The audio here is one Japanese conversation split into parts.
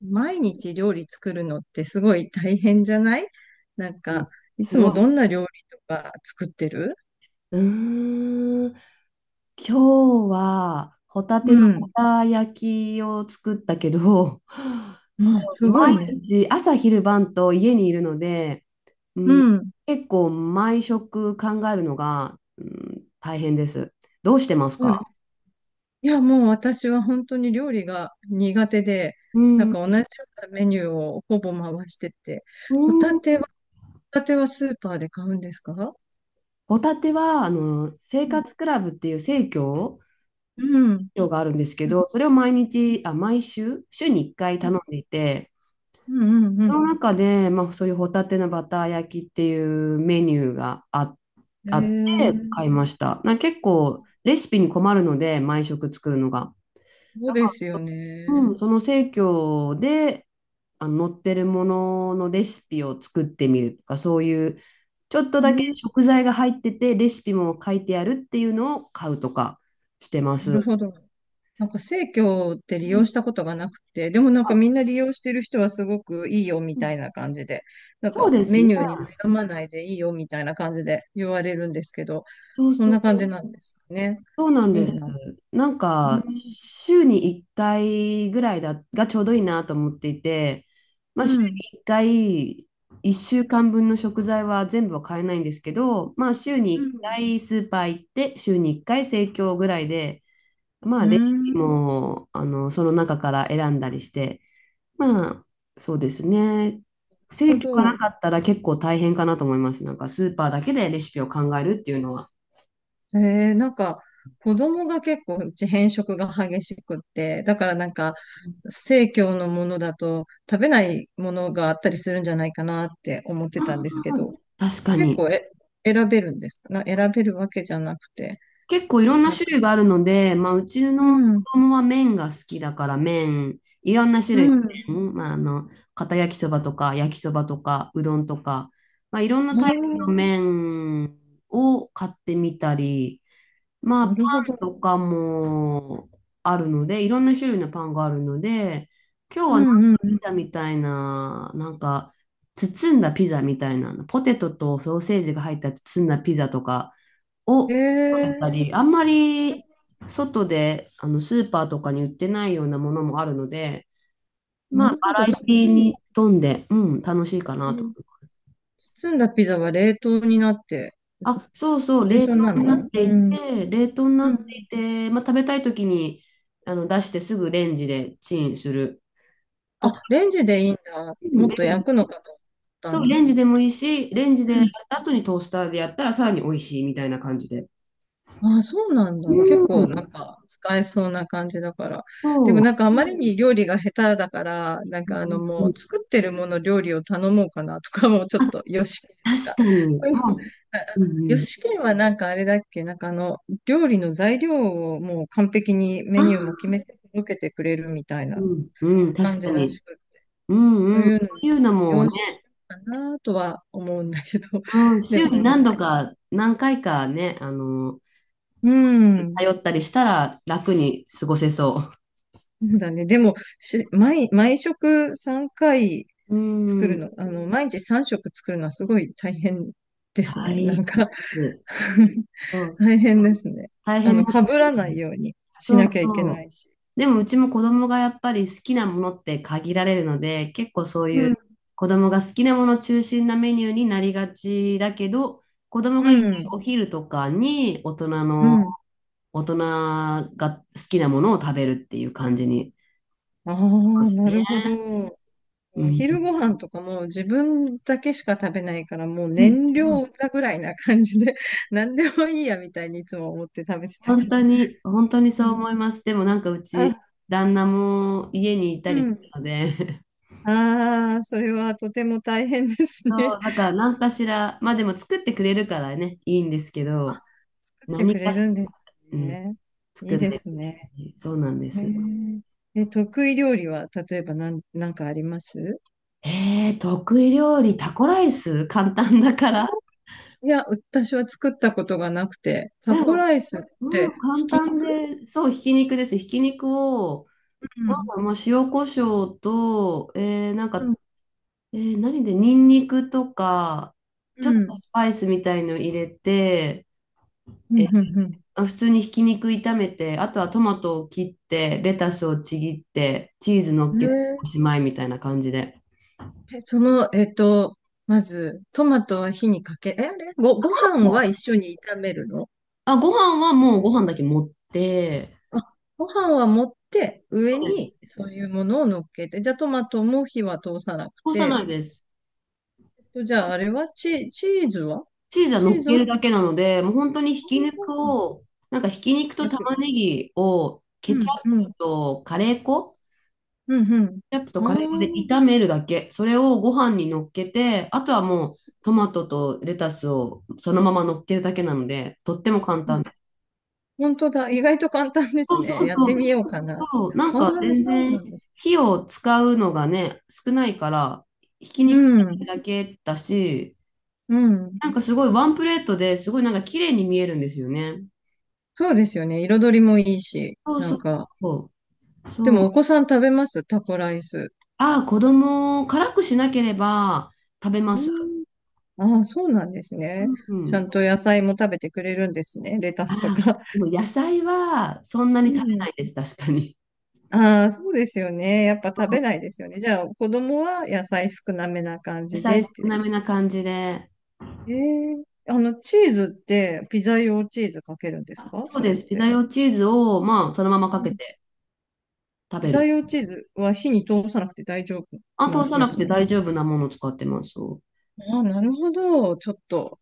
毎日料理作るのってすごい大変じゃない？なんうんか、いすつごもい。どんな料理とか作ってる？うーん、今日はホタうテのホん。タ焼きを作ったけど、もそうすごい毎ね。日朝昼晩と家にいるので、ううん、ん。結構毎食考えるのが、大変です。どうしてますそうでか？す。いや、もう私は本当に料理が苦手で、うなんん、か同じようなメニューをほぼ回してて、うホタテんは、ホタテはスーパーで買うんですか？ホタテは生うん。活クラブっていう生協うん。があるんですけうんど、それを毎日、毎週、週に1回頼んでいて、うんうそん。の中で、まあ、そういうホタテのバター焼きっていうメニューがええあってー、買いました。なんか結構レシピに困るので、毎食作るのが。そうだかですよら、ね。その生協で載ってるもののレシピを作ってみるとか、そういうちょっとうだけん。食材が入ってて、レシピも書いてあるっていうのを買うとかしてまなるす。ほど。なんか生協って利う用んしたことがなくて、でもなんかあみんな利用してる人はすごくいいよみうたんいな感じで、なんそうかですメね。ニューに悩まないでいいよみたいな感じで言われるんですけど、そうそんそな感う、じなんですかね。そうなんいでいす。な。なんうか、ん。週に1回ぐらいがちょうどいいなと思っていて、まうあ、週ん。に1回、1週間分の食材は全部は買えないんですけど、まあ、週うに1ん。回スーパー行って、週に1回生協ぐらいで、まあ、うレシん、なピるも、その中から選んだりして、まあ、そうですね。ほ生協がなど。かったら結構大変かなと思います。なんか、スーパーだけでレシピを考えるっていうのは。なんか、子供が結構うち偏食が激しくって、だからなんか、生協のものだと食べないものがあったりするんじゃないかなって思ってたんですあけど。確か結に。構選べるんですかな、選べるわけじゃなくて。結構いろんななんか、種類があるので、まあ、うちうの子ん、供は麺が好きだから麺、いろんな種類のうん。麺、まあ、片焼きそばとか焼きそばとかうどんとか、まあ、いろんなあタイプのあ、麺を買ってみたり、まあ、パなるほンとど。かもあるので、いろんな種類のパンがあるので、今日うはなんかんうピん。ザみたいな、なんか包んだピザみたいな、ポテトとソーセージが入った包んだピザとか、えを食べたり、え、あんまり外でスーパーとかに売ってないようなものもあるので、まなあ、るバほど。ラエ包ティんで、に富んで、楽しいかえなと。ー包んだピザは冷凍になって、そうそう、冷冷凍凍なになの？ってういん。て、うん。まあ、食べたいときに出してすぐレンジでチンするとか、あ、レンジでいいんだ。うんもっレとンジ焼くのかと思ったそう、ね。レンジでもいいし、レンジでやった後にトースターでやったらさらに美味しいみたいな感じで。ああ、そうなんうだ。結う構うん、なんん、か使えそうな感じだから。でそもなう。んかあまりに料理が下手だから、なんうかあのんうんうもうん作ってるもの料理を頼もうかなとかもちょっあ、と、よしきと確か。か に。うん、もう、うんうよん。しきはなんかあれだっけ、なんかあの料理の材料をもう完璧にメニューあも決めて届けてくれるみたいうなん、うん、確感じからに。しく、そううん、いそうういうののもね、よしかなとは思うんだけど、うん、で週もになんか、何度か、何回かね、あの、うん、頼ったりしたら楽に過ごせそそうだね。でも、毎食3回う。う作るん、の、あの、毎日3食作るのはすごい大変です大ね。な変。んか そう、大変ですね。大あ変の、だ。被らないようにしそうなきゃいけそなう。いし。でもうちも子供がやっぱり好きなものって限られるので、結構そういううん、子供が好きなもの中心なメニューになりがちだけど、子供うがいないん、お昼とかにうん。大人が好きなものを食べるっていう感じに。あまあ、すなね。るほど。うおん。昼ご飯とかも自分だけしか食べないから、もううん燃料だぐらいな感じで、何でもいいやみたいにいつも思って食べてた本けど。当に、本当にうそうん。思います。でもなんかうち、あ、旦那も家にいたうりするん。ので、ああ、それはとても大変です そね。う、だか ら何かしら、まあでも作ってくれるからね、いいんですけど、作って何くれかし、るんですうん、ね。い作いんでないすといね。けない。そうなんでへす。ーえ、得意料理は、例えば何、なんかあります？得意料理、タコライス、簡単だから。いや、私は作ったことがなくて、タだコろライスっううてん、ひ簡き単肉？で、そう、ひき肉です。ひき肉を、うん。まあ、塩コショウと、うん。ニンニクとか、うちょっとん。スパイスみたいの入れて、うえーん。うんまあ普通にひき肉炒めて、あとはトマトを切って、レタスをちぎって、チーズ乗うっん、けてへおーしまいみたいな感じで。え、その、まず、トマトは火にかけ、え、あれご、ごも飯はう一緒に炒めるの？あ、ご飯はもうご飯だけ持って、あ、ご飯は持って、そ上うです。にそういうものを乗っけて、じゃあトマトも火は通さなくこさないて、です。じゃああれはチーズは？チーズはチ乗ーっズけも、るあ、だけなので、もう本当にひそき肉うなんだ、を、なんかひき肉と焼く玉だねけ。ぎをうん、うップん、とカレー粉うん、うん。ケチャップとカレー粉で炒あめるだけ。それをご飯に乗っけて、あとはもうトマトとレタスをそのまま乗っけるだけなので、とっても簡ー単であ、す。本当だ。意外と簡単でそすうそね。うやっそてう。みようかな。そう、な んあかあ、全そうな然んです。火を使うのがね、少ないから、ひきう肉ん、だけだし、うん。なんかすごいワンプレートですごいなんか綺麗に見えるんですよね。そうですよね。彩りもいいし、そうなそんうか。そでそう。もお子さん食べますタコライス？ああ、子供を辛くしなければ食べまうす。ん、ああ、そうなんですね。うちゃんん。と野菜も食べてくれるんですね。レタあスとら、か。でも野菜はそんなうに食べなん。いです、確かに。ああ、そうですよね。やっぱ食べないですよね。じゃあ、子供は野菜少なめな感 野じ菜でっ少ていなう。めな感じで。ええ、あの、チーズって、ピザ用チーズかけるんですあ、か、そうそれでっす。ピザて？用チーズを、まあ、そのままかうけん。て食ピべザる。用チーズは火に通さなくて大丈夫あ、通なさやなくつてなの？大丈夫なものを使ってます。そああ、なるほど。ちょっと、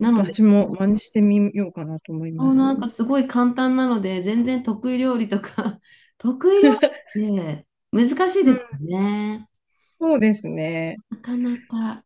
うなので、私も真似してみようかなと思いそまう、なす。んかすごい簡単なので、全然得意料理とか 得意料理って難しいうですよん、ね。そうですね。なかなか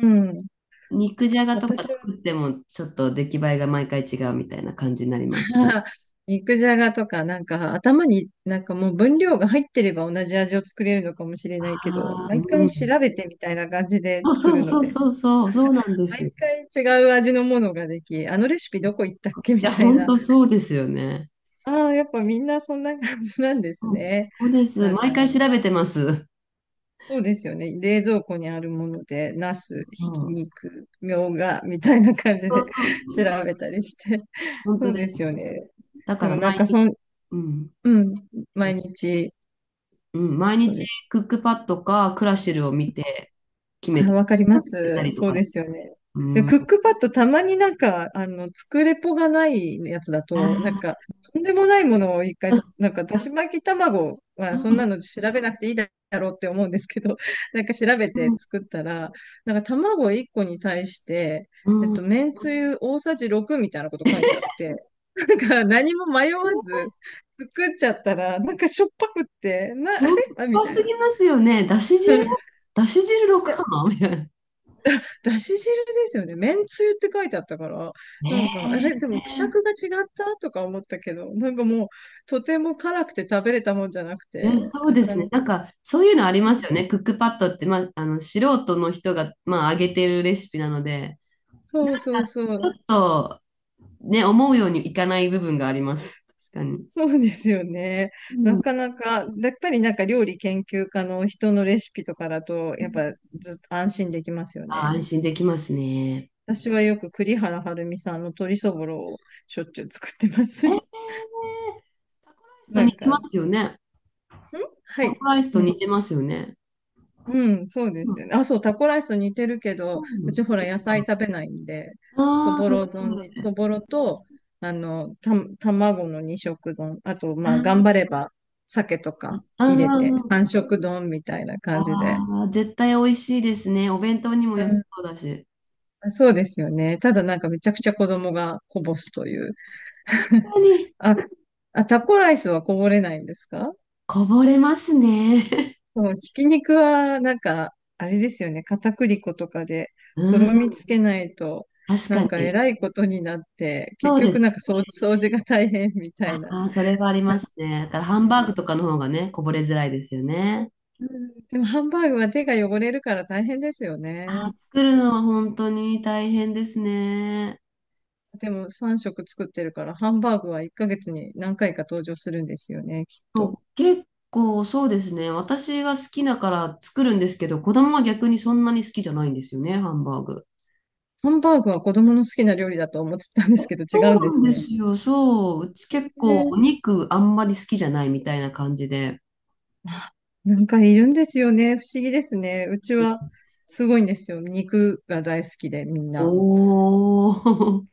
うん。肉じゃがとか私は 作っても、ちょっと出来栄えが毎回違うみたいな感じになります。あー肉じゃがとか、なんか頭になんかもう分量が入ってれば同じ味を作れるのかもしれないけど、ああ、毎う回調ん。べてみたいな感じで作るので、そうなんですよ。毎回違う味のものができ、あのレシピどこ行ったっけいみや、たい本な。当そうですよね。ああ、やっぱみんなそんな感じなんですうん。ね。そうです。なんか、毎回調べてます。そうですよね。冷蔵庫にあるもので、ナそス、ひきう。肉、みょうが、みたいな感じそで うそう 調そうべたりして。本そ当うでです。すよね。だでからもなん毎か日、うん。うん、え毎日、うん、毎そう日です。クックパッドかクラシルを見て決めあ、てわかりそまそうたす。りとそうか。ですよね。うで、ん。クッあクパッドたまになんか、あの、作れぽがないやつだと、なんか、とんでもないものを一回、ーなんか、だし巻き卵うはそんなんの調べなくていいだろうって思うんですけど、なんか調べて作ったら、なんか卵1個に対して、うんうん。めんつゆ大さじ6みたいなこと書いてあって、なんか何も迷わず作っちゃったら、なんかしょっぱくって、あしれ、ょっあ、みぱたいすな。ぎますよね。だし汁6かなみたいな。だし汁ですよね。めんつゆって書いてあったから、なねんか、あれ、でも、希釈え。が違ったとか思ったけど、なんかもう、とても辛くて食べれたもんじゃなくいや、て、そうあ、でちゃすね。ん、なんか、そういうのありうますん、よね。クックパッドって、まあ、あの、素人の人が、まあ、上げてるレシピなので、そうそうそちう、ょっと、ね、思うようにいかない部分があります。確かに。そうですよね。うなんかなか、やっぱりなんか料理研究家の人のレシピとかだと、やっぱずっと安心できますよあ、ね。安心できますね。私はよく栗原はるみさんの鶏そぼろをしょっちゅう作ってます。えー、タコライスとな似んてか、まん、すよね。はタコい。ライスうと似ん。てますよね。うん、そうでうすん。よね。あ、そう、タコライスと似てるけど、うちほら野菜食べないんで、そああー、ぼといろう丼こに、とそで。ぼろと、あの、卵の二色丼、あと、あまあ、頑ー張れば、鮭とかあ入れて、ー、三色丼みたいな感じで。あー絶対美味しいですね。お弁当にも良さそうだし。うん、そうですよね。ただなんかめちゃくちゃ子供がこぼすという。確 かに。あ、あ、タコライスはこぼれないんですか？こぼれますね。うん、ひき肉は、なんか、あれですよね。片栗粉とかで、とうん、ろみつけないと、確なかんか、えに。らいことになって、結そうで局、なんす。か掃除が大変みたあいな。あ、それはありますね。だからハンバーグね、とかの方がね、こぼれづらいですよね。うん、でも、ハンバーグは手が汚れるから大変ですよね。あー、作るのは本当に大変ですね。でも、3食作ってるから、ハンバーグは1ヶ月に何回か登場するんですよね、きっそと。う、結構そうですね。私が好きだから作るんですけど、子供は逆にそんなに好きじゃないんですよね、ハンバーグ。ハンバーグは子供の好きな料理だと思ってたんですけど、違そうんでうすなんでね。すよ。そう。うち結構お肉あんまり好きじゃないみたいな感じで。なんかいるんですよね。不思議ですね。うちはすごいんですよ。肉が大好きで、みんな。おー。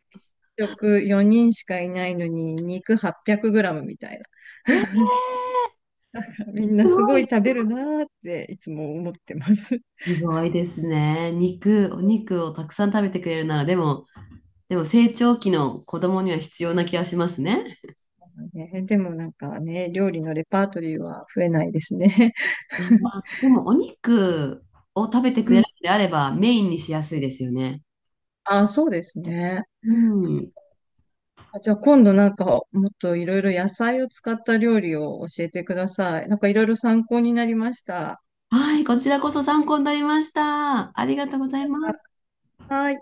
食4人しかいないのに、肉800グラムみたいな。え、みんすなすごごいい。食べるなーっていつも思ってます。すごいですね。肉、お肉をたくさん食べてくれるなら、でも成長期の子供には必要な気がしますね。ね、でもなんかね、料理のレパートリーは増えないですね。まあでも、お肉を食べて くうれん。るのであれば、メインにしやすいですよね。あ、そうですね。うん。あ、じゃあ今度なんかもっといろいろ野菜を使った料理を教えてください。なんかいろいろ参考になりました。はい、こちらこそ参考になりました。ありがとうございます。はい。